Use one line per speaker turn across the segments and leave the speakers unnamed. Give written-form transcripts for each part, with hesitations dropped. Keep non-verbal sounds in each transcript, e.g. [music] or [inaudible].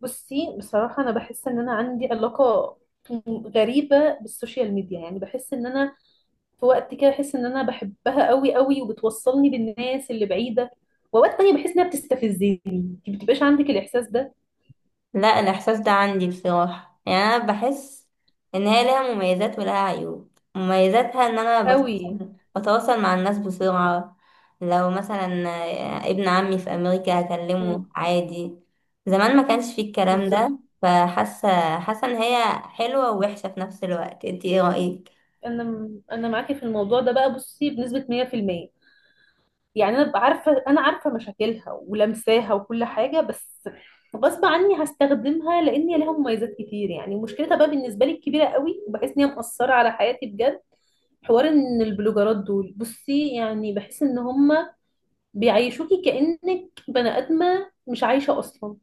بصي، بصراحة أنا بحس إن أنا عندي علاقة غريبة بالسوشيال ميديا. يعني بحس إن أنا في وقت كده بحس إن أنا بحبها قوي قوي وبتوصلني بالناس اللي بعيدة، وأوقات تانية بحس إنها بتستفزني. أنت بتبقاش عندك الإحساس ده؟
لا، الإحساس ده عندي بصراحة، يعني أنا بحس إن هي ليها مميزات ولها عيوب. مميزاتها إن أنا
قوي.
بتواصل مع الناس بسرعة. لو مثلا ابن عمي في أمريكا
مم،
هكلمه عادي. زمان ما كانش فيه الكلام
بالظبط.
ده، فحاسة حاسة إن هي حلوة ووحشة في نفس الوقت. انتي ايه رأيك؟
أنا معاكي في الموضوع ده بقى. بصي، بنسبة 100%. يعني انا عارفه مشاكلها ولمساها وكل حاجه، بس غصب عني هستخدمها لان هي ليها مميزات كتير. يعني مشكلتها بقى بالنسبه لي الكبيره قوي، وبحس ان هي مأثره على حياتي بجد. حوار ان البلوجرات دول، بصي، يعني بحس ان هم بيعيشوكي كأنك بني ادمه مش عايشه اصلا.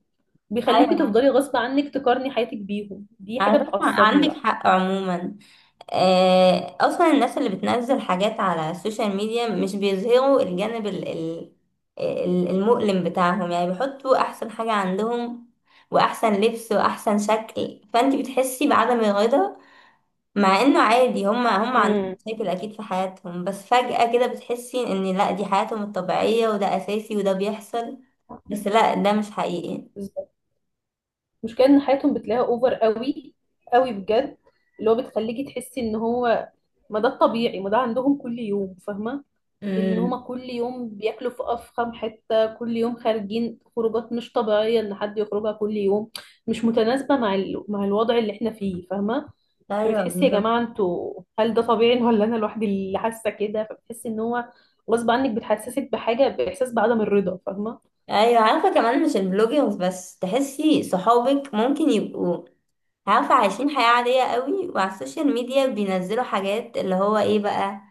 بيخليكي
أيوة،
تفضلي غصب عنك تقارني حياتك بيهم. دي
على
حاجه
فكرة
بتعصبني
عندك
بقى.
حق عموما. اصلا الناس اللي بتنزل حاجات على السوشيال ميديا مش بيظهروا الجانب المؤلم بتاعهم، يعني بيحطوا احسن حاجة عندهم واحسن لبس واحسن شكل، فانت بتحسي بعدم الرضا. مع انه عادي، هما عندهم مشاكل اكيد في حياتهم، بس فجأة كده بتحسي ان لا، دي حياتهم الطبيعية وده اساسي وده بيحصل.
امم
بس لا، ده مش حقيقي.
المشكله ان حياتهم بتلاقيها اوفر قوي قوي بجد. اللي هو بتخليكي تحسي ان هو ما ده الطبيعي، ما ده عندهم كل يوم، فاهمه؟ ان هما
امم.
كل يوم بياكلوا في افخم حته، كل يوم خارجين خروجات مش طبيعيه ان حد يخرجها كل يوم. مش متناسبه مع مع الوضع اللي احنا فيه، فاهمه؟
ايوه
فبتحسي يا
بالظبط.
جماعه انتوا، هل ده طبيعي ولا انا لوحدي اللي حاسه كده؟ فبتحسي ان هو غصب عنك بتحسسك بحاجه، باحساس بعدم الرضا، فاهمه؟
ايوه، عارفه كمان مش البلوجرز بس، تحسي صحابك ممكن يبقوا عارفة عايشين حياة عادية قوي، وعلى السوشيال ميديا بينزلوا حاجات اللي هو ايه بقى،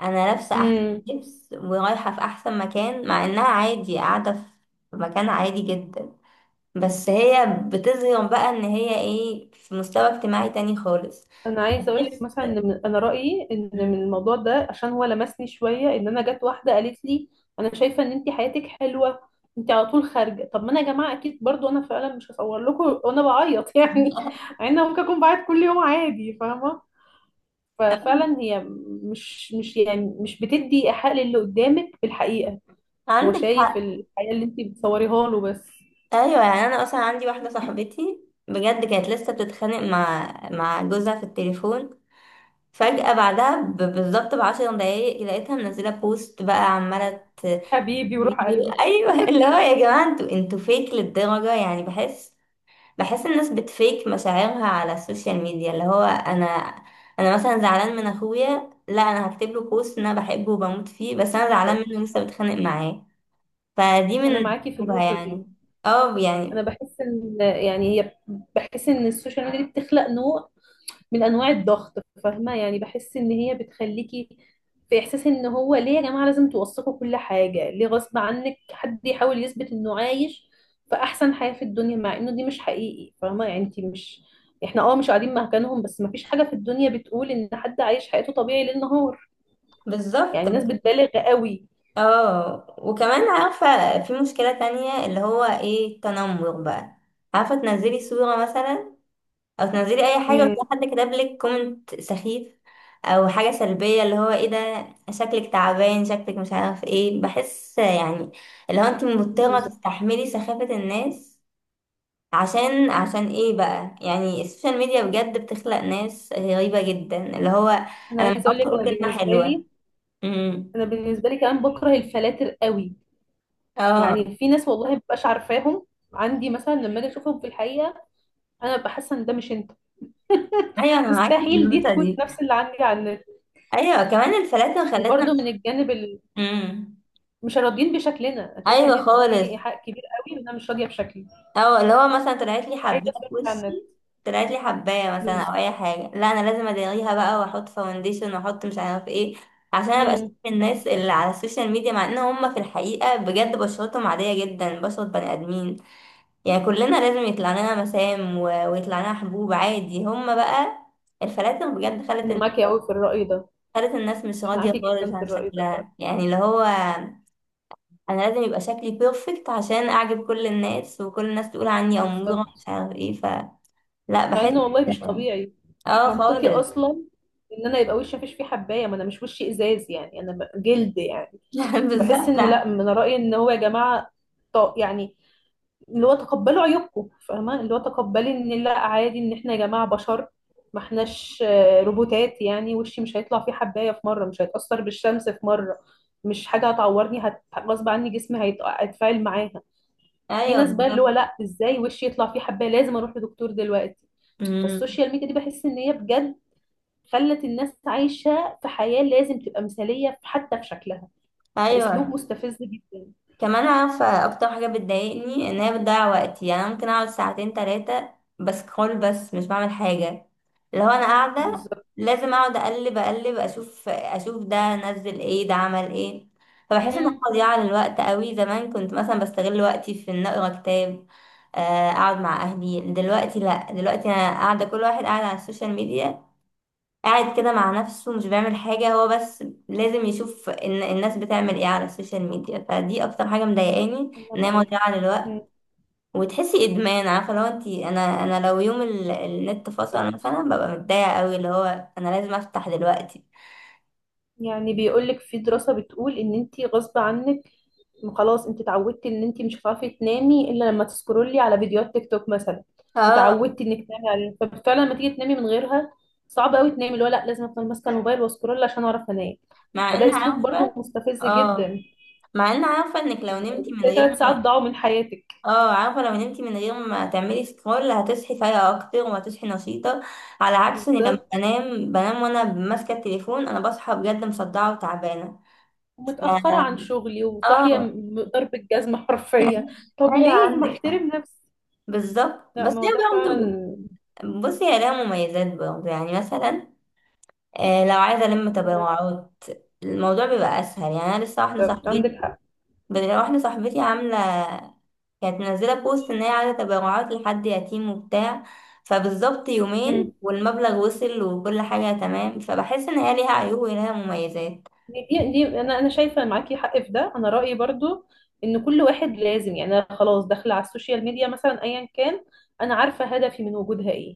انا لابسة احسن
امم
لبس ورايحة في احسن مكان، مع انها عادي قاعدة في مكان عادي جدا. بس هي بتظهر بقى ان هي ايه، في مستوى اجتماعي تاني خالص.
انا عايزه اقول لك
بحس.
مثلا ان انا رايي ان
مم.
من الموضوع ده، عشان هو لمسني شويه، ان انا جت واحده قالت لي: انا شايفه ان انت حياتك حلوه، انت على طول خارجه. طب ما انا يا جماعه اكيد برضو انا فعلا مش هصور لكم وانا بعيط [laughs] يعني.
[laughs]
انا ممكن اكون بعيط كل يوم عادي، فاهمه؟ ففعلا هي مش بتدي حق للي قدامك في الحقيقه. هو
عندك
شايف
حق.
الحياه اللي انت بتصوريها له بس.
ايوه، يعني انا اصلا عندي واحده صاحبتي، بجد كانت لسه بتتخانق مع جوزها في التليفون. فجأة بعدها بالظبط ب10 دقايق لقيتها منزلة بوست بقى عمالة.
حبيبي وروح قلبي.
ايوه، اللي هو يا جماعه انتوا فيك للدرجه، يعني بحس. بحس الناس بتفيك مشاعرها على السوشيال ميديا، اللي هو انا مثلا زعلان من اخويا، لا انا هكتب له بوست إن انا بحبه وبموت فيه، بس انا زعلان منه لسه بتخانق معاه. فدي
انا
من
معاكي في
عيوبها
النقطه دي.
يعني. اه،
انا
يعني.
بحس ان يعني هي، بحس ان السوشيال ميديا دي بتخلق نوع من انواع الضغط، فاهمه؟ يعني بحس ان هي بتخليكي في احساس ان هو ليه يا جماعه لازم توثقوا كل حاجه؟ ليه غصب عنك حد يحاول يثبت انه عايش في احسن حياه في الدنيا، مع انه دي مش حقيقي، فاهمه؟ يعني انت مش، احنا مش قاعدين مكانهم، بس مفيش حاجه في الدنيا بتقول ان حد عايش حياته طبيعي ليل نهار.
بالظبط.
يعني الناس بتبالغ قوي.
اه، وكمان عارفه في مشكله تانية اللي هو ايه، التنمر بقى. عارفه تنزلي صوره مثلا او تنزلي اي حاجه
امم
وتلاقي حد كتب لك كومنت سخيف او حاجه سلبيه، اللي هو ايه ده، شكلك تعبان، شكلك مش عارف ايه، بحس يعني اللي هو انت مضطره
بالظبط.
تستحملي سخافه الناس عشان ايه بقى؟ يعني السوشيال ميديا بجد بتخلق ناس غريبه جدا، اللي هو انا
انا
ما
عايزه اقول
اعرفش
لك انا
اقول كلمه
بالنسبه
حلوه.
لي،
امم.
انا بالنسبه لي كمان بكره الفلاتر قوي.
اه.
يعني في ناس والله مبقاش عارفاهم عندي مثلا لما اجي اشوفهم في الحقيقه. انا ببقى حاسه ان ده مش انت.
ايوه،
[laughs]
انا معاكي في
مستحيل دي
النقطه
تكون
دي.
نفس اللي عندي على النت.
ايوه كمان الفلاتر خلتنا.
وبرده من
امم.
مش راضيين بشكلنا. انا شايفه ان
ايوه
هي
خالص.
بتديني ايحاء كبير قوي ان انا مش راضيه بشكلي.
او اللي هو مثلا طلعت لي حبايه
عايزه
في
صورتي على النت.
وشي، طلعت لي حبايه مثلا او
بالظبط.
اي حاجه، لا انا لازم اداريها بقى واحط فاونديشن واحط مش عارف ايه عشان ابقى شايف
امم
الناس اللي على السوشيال ميديا، مع ان هم في الحقيقه بجد بشرتهم عاديه جدا، بشره بني ادمين. يعني كلنا لازم يطلع لنا مسام ويطلع لنا حبوب عادي. هم بقى الفلاتر بجد خلت
انا معاكي قوي في الراي ده.
خلت الناس مش راضيه
معاكي
خالص
جدا في
عن
الراي ده فعلا.
شكلها، يعني اللي هو انا لازم يبقى شكلي بيرفكت عشان اعجب كل الناس وكل الناس تقول عني اموره مش
بالظبط.
عارف ايه. لا،
مع
بحس.
انه والله مش طبيعي، مش
اه
منطقي
خالص.
اصلا ان انا يبقى وشي مفيش فيه حبايه. ما انا مش وشي ازاز، يعني انا جلد يعني.
[laughs] لا،
بحس
بالظبط.
ان لا، من رأيي ان هو يا جماعة، يعني اللي هو تقبلوا عيوبكم، فاهمة؟ اللي هو تقبلي ان لا، عادي ان احنا يا جماعة بشر، ما احناش روبوتات. يعني وشي مش هيطلع فيه حباية في مرة؟ مش هيتأثر بالشمس في مرة؟ مش حاجة هتعورني. غصب عني جسمي هيتفاعل معاها. في
ايوه
ناس بقى اللي
بالظبط.
هو لا، ازاي وشي يطلع فيه حباية لازم اروح لدكتور دلوقتي؟
أمم.
فالسوشيال ميديا دي بحس ان هي بجد خلت الناس عايشة في حياة لازم تبقى مثالية حتى في شكلها. فأسلوب
ايوه،
مستفز جدا.
كمان عارفه اكتر حاجه بتضايقني ان هي بتضيع وقتي، يعني أنا ممكن اقعد ساعتين 3 بسكرول بس مش بعمل حاجه. لو انا قاعده
بالظبط.
لازم اقعد اقلب اقلب، اشوف اشوف ده نزل ايه، ده عمل ايه. فبحس ان أنا
مم.
مضيعه للوقت قوي. زمان كنت مثلا بستغل وقتي في ان اقرا كتاب، اقعد مع اهلي. دلوقتي لا، دلوقتي انا قاعده كل واحد قاعد على السوشيال ميديا، قاعد كده مع نفسه مش بيعمل حاجة، هو بس لازم يشوف ان الناس بتعمل ايه على السوشيال ميديا. فدي اكتر حاجة مضايقاني،
انا
ان هي
معاك.
مضيعة للوقت.
مم.
وتحسي ادمان، عارفة لو انتي انا انا لو يوم النت فصل مثلا ببقى متضايقة قوي، اللي هو انا لازم افتح دلوقتي.
يعني بيقول لك في دراسة بتقول ان انت غصب عنك، خلاص انت اتعودتي ان انت مش هتعرفي تنامي الا لما تسكرولي على فيديوهات تيك توك مثلا.
اه.
اتعودتي انك تنامي على، ففعلا لما تيجي تنامي من غيرها صعب قوي تنامي. اللي هو لا، لازم افضل ماسكه الموبايل واسكرول عشان اعرف انام.
مع ان
فده اسلوب برضو
عارفة.
مستفز
اه
جدا.
مع ان عارفة انك لو نمتي من
زي
غير.
3 ساعات ضاعوا من حياتك.
اه عارفة لو نمتي من غير ما تعملي سكرول هتصحي فايقة أكتر وهتصحي نشيطة، على عكس إني لما
بالظبط.
بنام بنام وأنا ماسكة التليفون، أنا بصحى بجد مصدعة وتعبانة. ف-
ومتاخره عن شغلي وصاحيه
اه
ضرب الجزمه
[laughs]
حرفيا. طب
ايوه،
ليه ما
عندك حق.
احترم نفسي؟
بالظبط،
لا،
بس
ما هو
هي
ده
برضه،
فعلا.
بصي هي لها مميزات برضه، يعني مثلا لو عايزه الم
مم.
تبرعات الموضوع بيبقى اسهل. يعني انا لسه واحده
بالظبط. عندك
صاحبتي
حق.
واحده صاحبتي عامله، كانت منزلة بوست إن هي عايزة تبرعات لحد يتيم وبتاع، فبالظبط يومين
مم.
والمبلغ وصل وكل حاجة تمام. فبحس إن هي ليها عيوب وليها مميزات.
دي انا شايفه معاكي حق في ده. انا رايي برضو ان كل واحد لازم، يعني أنا خلاص داخله على السوشيال ميديا مثلا ايا كان، انا عارفه هدفي من وجودها ايه.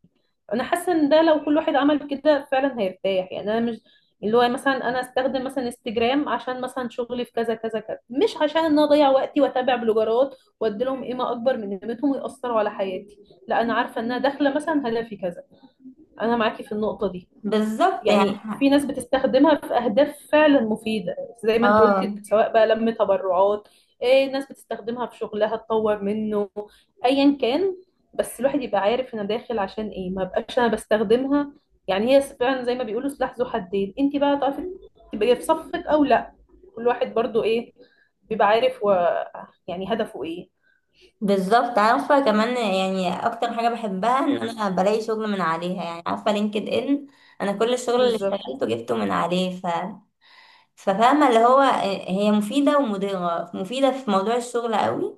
انا حاسه ان ده لو كل واحد عمل كده فعلا هيرتاح. يعني انا مش، اللي هو مثلا انا استخدم مثلا انستجرام عشان مثلا شغلي في كذا كذا كذا، مش عشان ان انا اضيع وقتي واتابع بلوجرات وادي لهم قيمه اكبر من قيمتهم ويأثروا على حياتي. لا، انا عارفه ان انا داخله مثلا هدفي كذا. انا معاكي في النقطه دي.
بالظبط، يعني
يعني في ناس بتستخدمها في أهداف فعلا مفيدة، زي ما انت
اه،
قلتي، سواء بقى لم تبرعات، إيه ناس بتستخدمها في شغلها تطور منه، أيا كان. بس الواحد يبقى عارف أنا داخل عشان إيه ما بقاش أنا بستخدمها. يعني هي فعلا زي ما بيقولوا سلاح ذو حدين. انت بقى تعرفي تبقي في صفك أو لا. كل واحد برضو إيه، بيبقى عارف يعني هدفه إيه.
بالظبط. عارفة كمان يعني أكتر حاجة بحبها إن أنا بلاقي شغل من عليها، يعني عارفة لينكد إن، أنا كل الشغل اللي
بالظبط.
اشتغلته جبته من عليه. ففاهمة اللي هو هي مفيدة ومضرة، مفيدة في موضوع الشغل قوي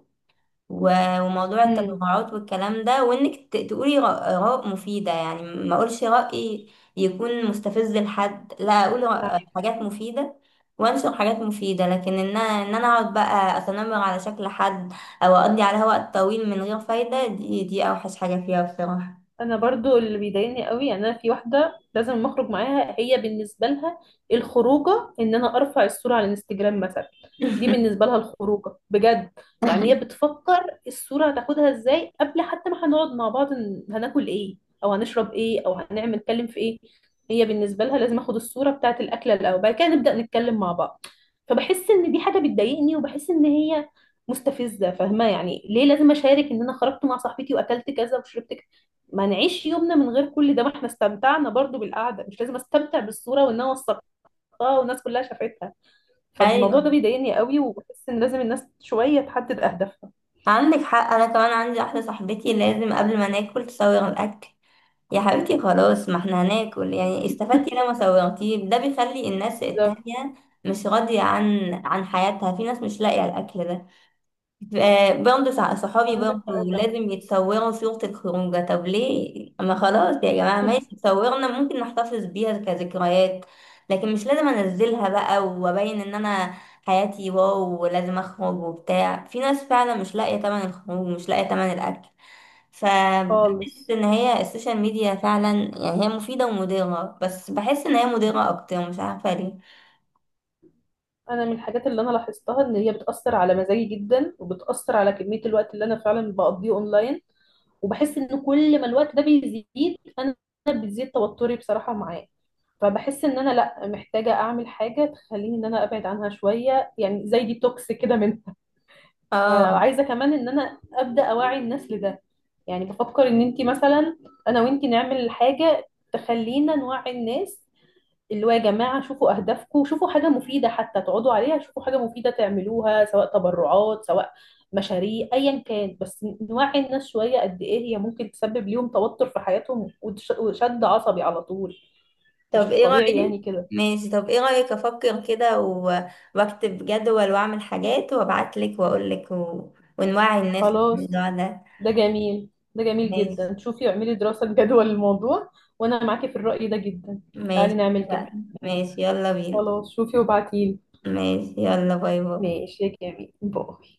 وموضوع
مم.
التبرعات والكلام ده، وانك تقولي اراء مفيده، يعني ما اقولش راي يكون مستفز لحد، لا اقول
نعم.
حاجات مفيده وانشر حاجات مفيده. لكن ان انا اقعد بقى اتنمر على شكل حد او اقضي عليها وقت طويل من غير فايده، دي اوحش حاجه فيها بصراحه.
انا برضو اللي بيضايقني قوي، يعني انا في واحده لازم اخرج معاها، هي بالنسبه لها الخروجه ان انا ارفع الصوره على الانستجرام مثلا. دي
[laughs]
بالنسبه لها الخروجه بجد. يعني هي بتفكر الصوره هتاخدها ازاي قبل حتى ما هنقعد مع بعض، هناكل ايه او هنشرب ايه او هنعمل، نتكلم في ايه. هي بالنسبه لها لازم اخد الصوره بتاعه الاكله الاول، بعد كده نبدا نتكلم مع بعض. فبحس ان دي حاجه بتضايقني وبحس ان هي مستفزه، فاهمه؟ يعني ليه لازم اشارك ان انا خرجت مع صاحبتي واكلت كذا وشربت؟ ما نعيش يومنا من غير كل ده. ما احنا استمتعنا برضو بالقعده. مش لازم استمتع بالصوره وان انا وثقتها والناس كلها شافتها. فالموضوع ده
ايوه،
بيضايقني قوي وبحس ان لازم الناس شويه تحدد اهدافها.
عندك حق. انا كمان عندي واحده صاحبتي لازم قبل ما ناكل تصوغ الاكل، يا حبيبتي خلاص، ما احنا هناكل يعني، استفدتي لما صوغتيه؟ ده بيخلي الناس
بالظبط.
التانية مش راضيه عن حياتها. في ناس مش لاقيه الاكل ده. برضه صحابي
عندك حق
برضه
ده.
لازم يتصوروا صورة الخروجة، طب ليه؟ ما خلاص يا جماعة ماشي،
[laughs]
صورنا ممكن نحتفظ بيها كذكريات لكن مش لازم انزلها بقى وابين ان انا حياتي واو، ولازم اخرج وبتاع. في ناس فعلا مش لاقية تمن الخروج، مش لاقية تمن الاكل. فبحس
خالص.
ان هي السوشيال ميديا فعلا، يعني هي مفيدة ومضرة، بس بحس ان هي مضرة اكتر مش عارفة ليه.
انا من الحاجات اللي انا لاحظتها ان هي بتاثر على مزاجي جدا وبتاثر على كميه الوقت اللي انا فعلا بقضيه اونلاين. وبحس ان كل ما الوقت ده بيزيد انا بتزيد توتري بصراحه معاه. فبحس ان انا لا، محتاجه اعمل حاجه تخليني ان انا ابعد عنها شويه، يعني زي ديتوكس كده منها. [laughs]
اه،
فعايزه كمان ان انا ابدا اوعي الناس لده. يعني بفكر ان انتي مثلا انا وانتي نعمل حاجه تخلينا نوعي الناس، اللي هو يا جماعه شوفوا اهدافكم، شوفوا حاجه مفيده حتى تقعدوا عليها، شوفوا حاجه مفيده تعملوها، سواء تبرعات سواء مشاريع ايا كان. بس نوعي الناس شويه قد ايه هي ممكن تسبب ليهم توتر في حياتهم، وشد عصبي على طول.
طب
مش
ايه
طبيعي
رأيك؟
يعني كده.
ماشي، طب ايه رأيك افكر كده واكتب جدول واعمل حاجات وابعت لك واقول لك ونوعي الناس
خلاص.
للموضوع ده.
ده جميل، ده جميل
ماشي.
جدا. شوفي اعملي دراسة جدوى [laughs] للموضوع. وانا معاكي في الرأي ده جدا. تعالي
ماشي،
نعمل كده.
اتفقنا. ماشي يلا بينا.
خلاص، شوفي وابعتيلي.
ماشي، يلا باي باي.
ماشي يا جميل، باي.